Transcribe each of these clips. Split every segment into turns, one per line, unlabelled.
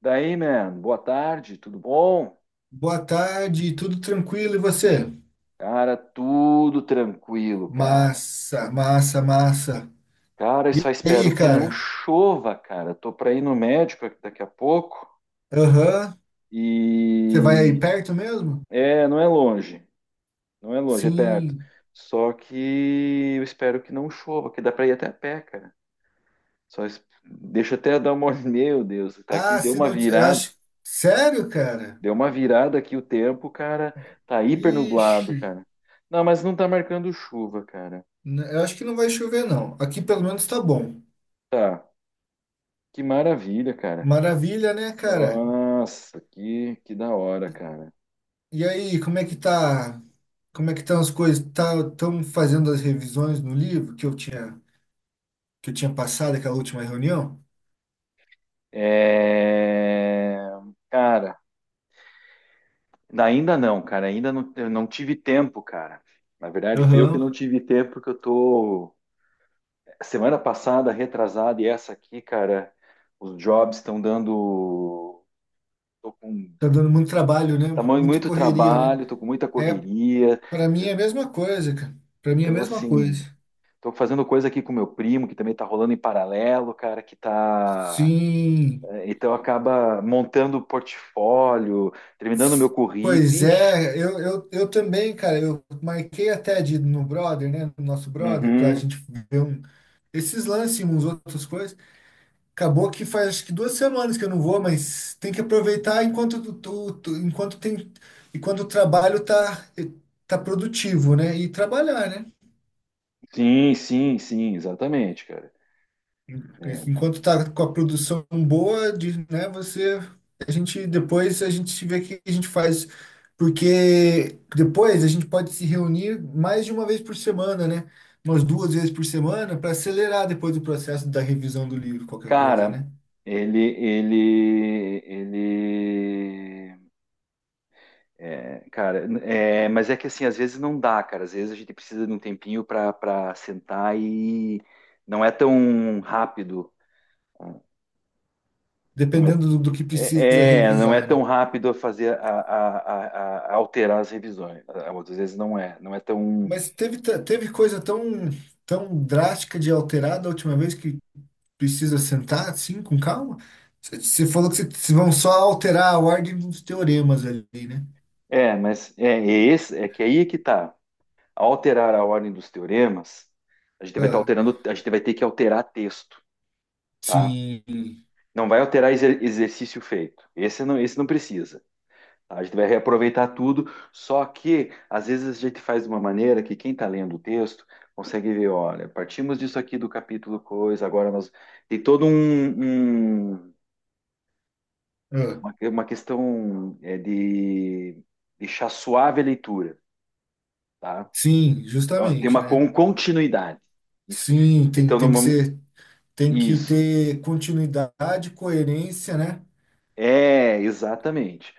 Daí, man, boa tarde, tudo bom?
Boa tarde, tudo tranquilo e você?
Cara, tudo tranquilo, cara.
Massa, massa, massa.
Cara, eu
E
só espero
aí,
que não
cara?
chova, cara. Tô pra ir no médico aqui daqui a pouco
Aham. Você vai aí
e
perto mesmo?
é, não é longe, não é longe, é perto.
Sim.
Só que eu espero que não chova, que dá pra ir até a pé, cara. Deixa eu até dar uma, olhada. Meu Deus, tá aqui,
Ah, se não. Eu acho. Sério, cara?
deu uma virada aqui o tempo, cara. Tá hiper nublado,
Ixi.
cara. Não, mas não tá marcando chuva, cara.
Eu acho que não vai chover, não. Aqui pelo menos tá bom.
Tá. Que maravilha, cara.
Maravilha, né, cara?
Nossa, que da hora, cara.
E aí, como é que tá? Como é que estão as coisas? Tá, estão fazendo as revisões no livro que eu tinha passado aquela última reunião?
É... Cara, cara. Ainda não, eu não tive tempo, cara. Na verdade, fui eu que
Aham.
não tive tempo, porque eu tô. Semana passada, retrasada, e essa aqui, cara, os jobs estão dando. Tô com
Tá dando muito trabalho, né?
tamanho
Muita
muito
correria, né?
trabalho, tô com muita
É,
correria.
para mim
eh,
é a mesma coisa, cara. Para mim é a
Então,
mesma
assim,
coisa.
tô fazendo coisa aqui com meu primo, que também tá rolando em paralelo, cara, que tá.
Sim.
É, então acaba montando o portfólio, terminando o meu
S-
currículo.
Pois
Ixi,
é, eu também, cara, eu marquei até de ir no brother, né? No nosso brother, pra
uhum.
gente ver esses lances e uns outras coisas. Acabou que faz acho que duas semanas que eu não vou, mas tem que aproveitar enquanto, enquanto tem, enquanto o trabalho tá produtivo, né? E trabalhar, né?
Sim, sim, sim, exatamente, cara. É.
Enquanto tá com a produção boa, de, né, você, a gente depois a gente vê o que a gente faz, porque depois a gente pode se reunir mais de uma vez por semana, né? Umas duas vezes por semana para acelerar depois o processo da revisão do livro, qualquer coisa,
Cara,
né?
ele, é, cara, é, mas é que assim, às vezes não dá, cara. Às vezes a gente precisa de um tempinho para sentar e não é tão rápido. Ah, não é,
Dependendo do que precisa
é, não é
revisar, né?
tão rápido fazer a alterar as revisões. Às vezes não é, não é tão.
Mas teve coisa tão, tão drástica de alterar da última vez que precisa sentar assim, com calma. Você falou que vocês vão só alterar a ordem dos teoremas ali, né?
É, mas é, é esse, é que aí é que tá. Ao alterar a ordem dos teoremas, a gente vai estar
Ah,
alterando, a gente vai ter que alterar texto, tá?
sim.
Não vai alterar exercício feito. Esse não precisa. Tá? A gente vai reaproveitar tudo, só que às vezes a gente faz de uma maneira que quem está lendo o texto consegue ver, olha, partimos disso aqui do capítulo coisa, agora nós tem todo
Ah,
uma questão é, de deixar suave a leitura, tá?
sim,
Então, tem
justamente,
uma
né?
continuidade. Isso que...
Sim, tem,
Então, no
tem que
momento.
ser, tem que
Isso.
ter continuidade, coerência, né?
É, exatamente.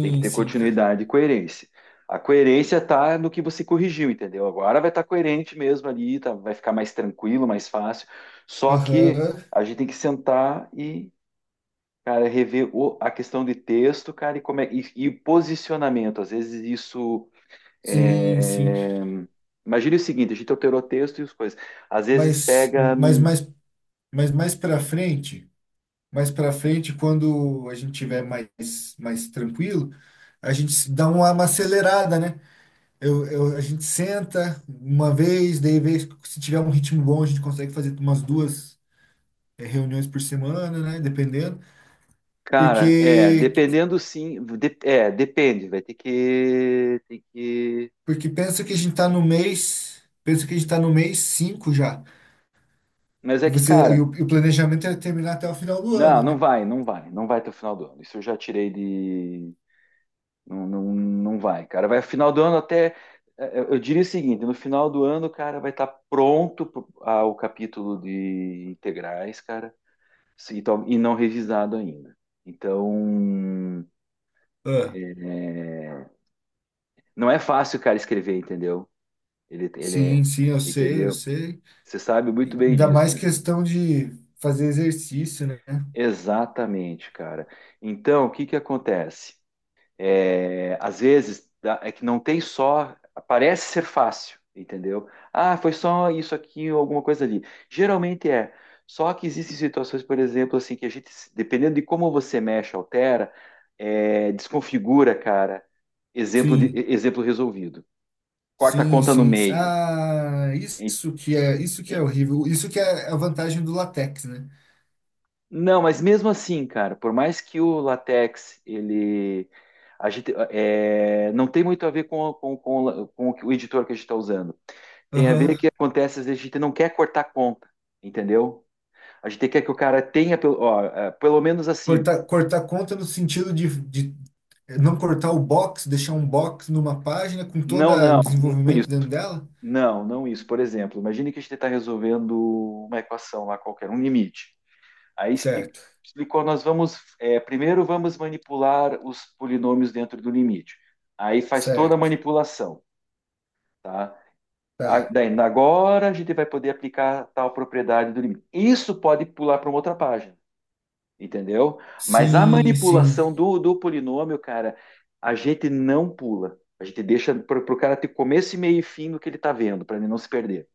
Tem que ter
sim, cara.
continuidade e coerência. A coerência está no que você corrigiu, entendeu? Agora vai estar coerente mesmo ali, tá- vai ficar mais tranquilo, mais fácil. Só que
Aham.
a gente tem que sentar e, cara, rever o- a questão de texto, cara, e, como é- e o posicionamento. Às vezes isso.
Sim, sim.
É, imagine o seguinte: a gente alterou o texto e as coisas. Às vezes
Mas,
pega
mas,
num.
mas, mas mais para frente, quando a gente tiver mais tranquilo, a gente se dá uma acelerada, né? A gente senta uma vez, daí vez, se tiver um ritmo bom, a gente consegue fazer umas duas reuniões por semana, né? Dependendo.
Cara, é,
Porque,
dependendo sim, de- é, depende, vai ter que, tem que,
porque pensa que a gente tá no mês 5 já.
mas é
E
que,
você, e
cara,
o, e o planejamento é terminar até o final do
não,
ano,
não
né?
vai, não vai, não vai até o final do ano, isso eu já tirei de, não, não, não vai, cara, vai final do ano até, é, eu diria o seguinte, no final do ano, cara, vai estar pronto pro- ah, o capítulo de integrais, cara, e tal- e não revisado ainda, então,
Ah,
é, é, não é fácil, cara, escrever, entendeu? Ele é,
sim, sim, eu sei, eu
entendeu?
sei.
Você sabe
E
muito bem
ainda
disso,
mais
né?
questão de fazer exercício, né?
Exatamente, cara. Então, o que que acontece? É, às vezes dá- é que não tem só, parece ser fácil, entendeu? Ah, foi só isso aqui ou alguma coisa ali. Geralmente é. Só que existem situações, por exemplo, assim, que a gente, dependendo de como você mexe, altera, é, desconfigura, cara. Exemplo de,
Sim,
exemplo resolvido. Corta a
sim,
conta no
sim.
meio.
Ah,
E-
isso que é
e-
horrível. Isso que é a vantagem do latex, né?
Não, mas mesmo assim, cara, por mais que o latex, ele. A gente, é, não tem muito a ver com, o la- com o que- o editor que a gente está usando. Tem a ver que
Aham.
acontece, às vezes a gente não quer cortar conta, entendeu? A gente quer que o cara tenha, pelo- ó, é, pelo menos assim,
Cortar conta no sentido de não cortar o box, deixar um box numa página com todo
não,
o
não, não
desenvolvimento
isso,
dentro dela?
não, não isso. Por exemplo, imagine que a gente está resolvendo uma equação lá qualquer, um limite. Aí
Certo,
explicou, nós vamos, é, primeiro vamos manipular os polinômios dentro do limite. Aí faz toda a
certo,
manipulação, tá?
tá.
Daí, agora a gente vai poder aplicar tal propriedade do limite. Isso pode pular para uma outra página, entendeu? Mas a
Sim, sim,
manipulação do polinômio, cara, a gente não pula. A gente deixa para o cara ter começo meio e fim do que ele está vendo, para ele não se perder.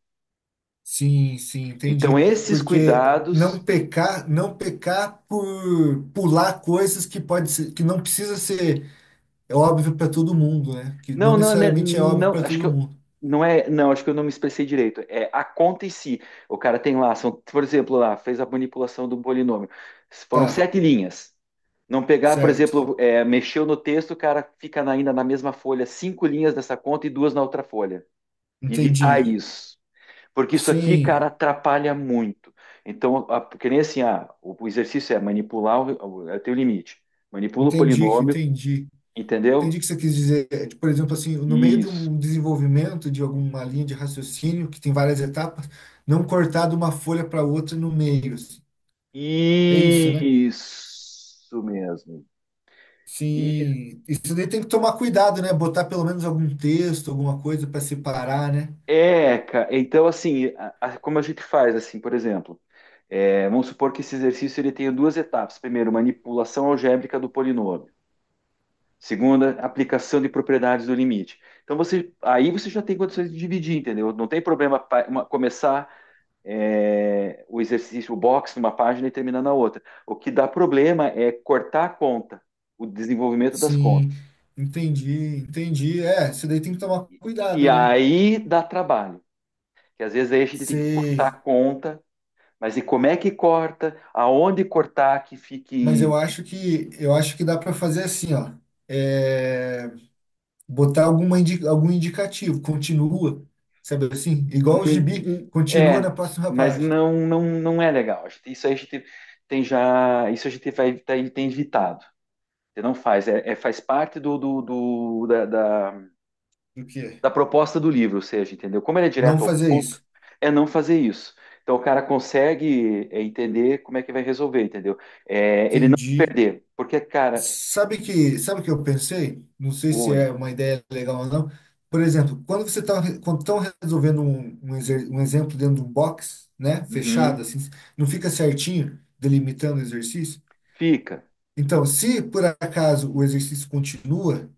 sim, sim,
Então,
entendi.
esses
Porque não
cuidados.
pecar, não pecar por pular coisas que não precisa ser é óbvio para todo mundo, né? Que não
Não, não, né,
necessariamente é óbvio
não,
para
acho que
todo
eu,
mundo.
não é, não, acho que eu não me expressei direito. É a conta em si. O cara tem lá, são, por exemplo, lá, fez a manipulação do polinômio. Foram
Tá,
sete linhas. Não pegar, por
certo.
exemplo, é, mexeu no texto, o cara fica na- ainda na mesma folha, cinco linhas dessa conta e duas na outra folha. Evitar
Entendi.
isso. Porque isso aqui, cara,
Sim,
atrapalha muito. Então, a, que nem assim, ah, o exercício é manipular é o teu limite. Manipula o
entendi,
polinômio,
entendi. Entendi o
entendeu?
que você quis dizer. É, tipo, por exemplo, assim, no meio de
Isso.
um desenvolvimento de alguma linha de raciocínio, que tem várias etapas, não cortar de uma folha para outra no meio, assim. É isso, né?
Isso mesmo. E
Sim. Isso daí tem que tomar cuidado, né? Botar pelo menos algum texto, alguma coisa para separar, né?
é, ca- então assim, a- como a gente faz assim, por exemplo, é, vamos supor que esse exercício ele tenha duas etapas. Primeiro, manipulação algébrica do polinômio. Segunda, aplicação de propriedades do limite. Então você, aí você já tem condições de dividir, entendeu? Não tem problema pa- uma- começar é, o exercício, o box numa página e terminar na outra. O que dá problema é cortar a conta, o desenvolvimento das
Sim.
contas.
Entendi, entendi. É, isso daí tem que tomar
E
cuidado, né?
aí dá trabalho, que às vezes aí a gente tem que cortar a
Sei.
conta, mas e como é que corta? Aonde cortar que
Mas
fique.
eu acho que dá para fazer assim, ó. É... Botar alguma algum indicativo, continua, sabe assim? Igual o gibi,
Hum.
continua na
É,
próxima
mas
página.
não, não, não é legal. A gente- isso aí a gente tem já. Isso a gente vai, tem, tem evitado. Você não faz, é, é- faz parte da, da,
Do que?
da proposta do livro, ou seja, entendeu? Como ele é
Não
direto ao
fazer
ponto,
isso.
é não fazer isso. Então o cara consegue é, entender como é que vai resolver, entendeu? É, ele não se
Entendi.
perder, porque, cara.
Sabe que, sabe o que eu pensei? Não sei se
Oi.
é uma ideia legal ou não. Por exemplo, quando você está quando estão resolvendo um exemplo dentro de um box, né, fechado
Uhum.
assim, não fica certinho delimitando o exercício?
Fica.
Então, se por acaso o exercício continua,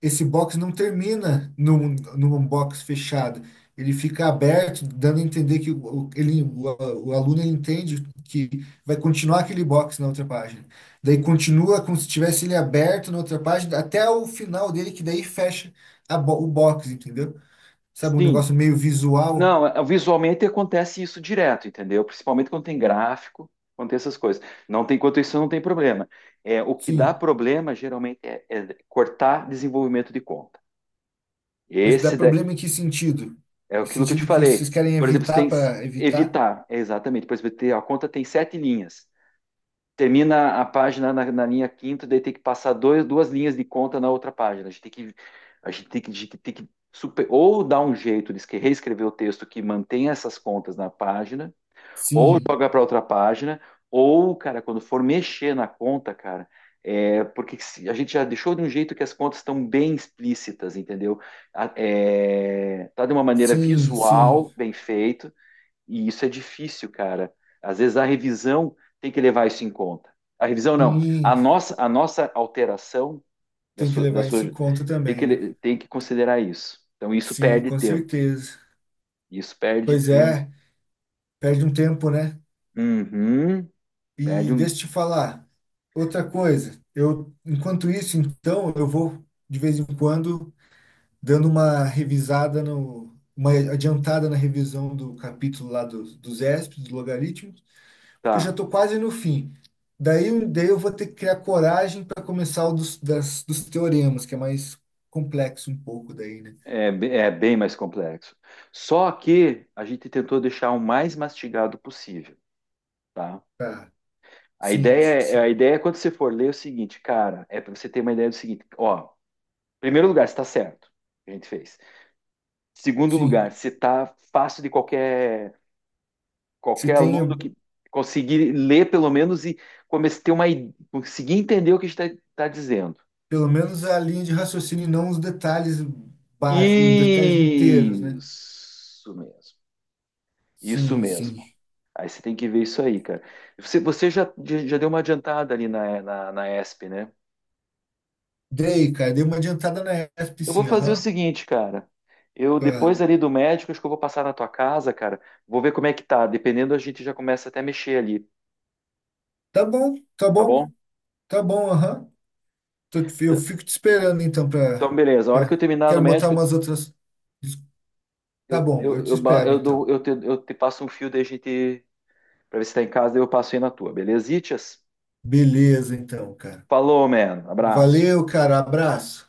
esse box não termina num box fechado. Ele fica aberto, dando a entender que o aluno ele entende que vai continuar aquele box na outra página. Daí continua como se tivesse ele aberto na outra página, até o final dele, que daí fecha o box, entendeu? Sabe, um
Sim.
negócio meio visual,
Não, é- visualmente acontece isso direto, entendeu? Principalmente quando tem gráfico, quando tem essas coisas. Não tem, quanto isso não tem problema. É, o que dá
sim.
problema geralmente é, é cortar desenvolvimento de conta.
Mas dá
Esse da-
problema em que sentido?
é
Em
aquilo que eu te
sentido que vocês
falei.
querem
Por exemplo, você
evitar
tem que
para evitar?
evitar, é exatamente. Por exemplo, tem- a conta tem sete linhas. Termina a página na, na linha quinta, daí tem que passar dois, duas linhas de conta na outra página. A gente tem que super- ou dar um jeito de esque- reescrever o texto que mantenha essas contas na página, ou
Sim.
jogar para outra página, ou, cara, quando for mexer na conta, cara, é porque se- a gente já deixou de um jeito que as contas estão bem explícitas, entendeu? A- é, tá de uma maneira
Sim,
visual,
sim,
bem feito, e isso é difícil, cara. Às vezes a revisão tem que levar isso em conta. A revisão não.
sim,
A nossa alteração
tem que
da
levar isso em
sua,
conta
tem
também, né?
que, tem que considerar isso. Então isso
Sim,
perde
com
tempo.
certeza.
Isso perde
Pois
tempo.
é, perde um tempo, né?
Uhum,
E
perde um.
deixa eu te falar, outra coisa, eu, enquanto isso, então, eu vou, de vez em quando, dando uma revisada no, uma adiantada na revisão do capítulo lá dos ESP, dos logaritmos, porque eu já
Tá.
estou quase no fim. Daí eu vou ter que criar coragem para começar o dos teoremas, que é mais complexo um pouco daí, né?
É, be- é bem mais complexo. Só que a gente tentou deixar o mais mastigado possível, tá?
Tá. Sim,
A
sim.
ideia é quando você for ler é o seguinte, cara, é para você ter uma ideia do seguinte, ó, em primeiro lugar, está certo o que a gente fez. Segundo
Sim.
lugar, se tá fácil de
Se
qualquer
tenha
aluno que conseguir ler pelo menos e começar a ter uma i- conseguir entender o que está tá dizendo.
pelo menos a linha de raciocínio e não os detalhes básicos, os detalhes inteiros, né?
Isso mesmo. Isso
Sim,
mesmo.
sim.
Aí você tem que ver isso aí, cara. Você, você já, já deu uma adiantada ali na ESP, né?
Dei, cara, dei uma adiantada na ESP,
Eu vou
sim,
fazer o
aham.
seguinte, cara. Eu,
Ah,
depois ali do médico, acho que eu vou passar na tua casa, cara. Vou ver como é que tá. Dependendo, a gente já começa até a mexer ali,
tá bom, tá
tá bom?
bom, tá bom, aham. Eu fico te esperando então
Então, beleza. A hora que eu
pra...
terminar no
Quero montar
médico,
umas outras. Tá bom, eu te
eu, ba-
espero
eu, dou-
então.
eu te passo um fio da gente para ver se tá em casa, daí eu passo aí na tua, beleza? Itias?
Beleza, então, cara.
Falou, man. Abraço.
Valeu, cara. Abraço.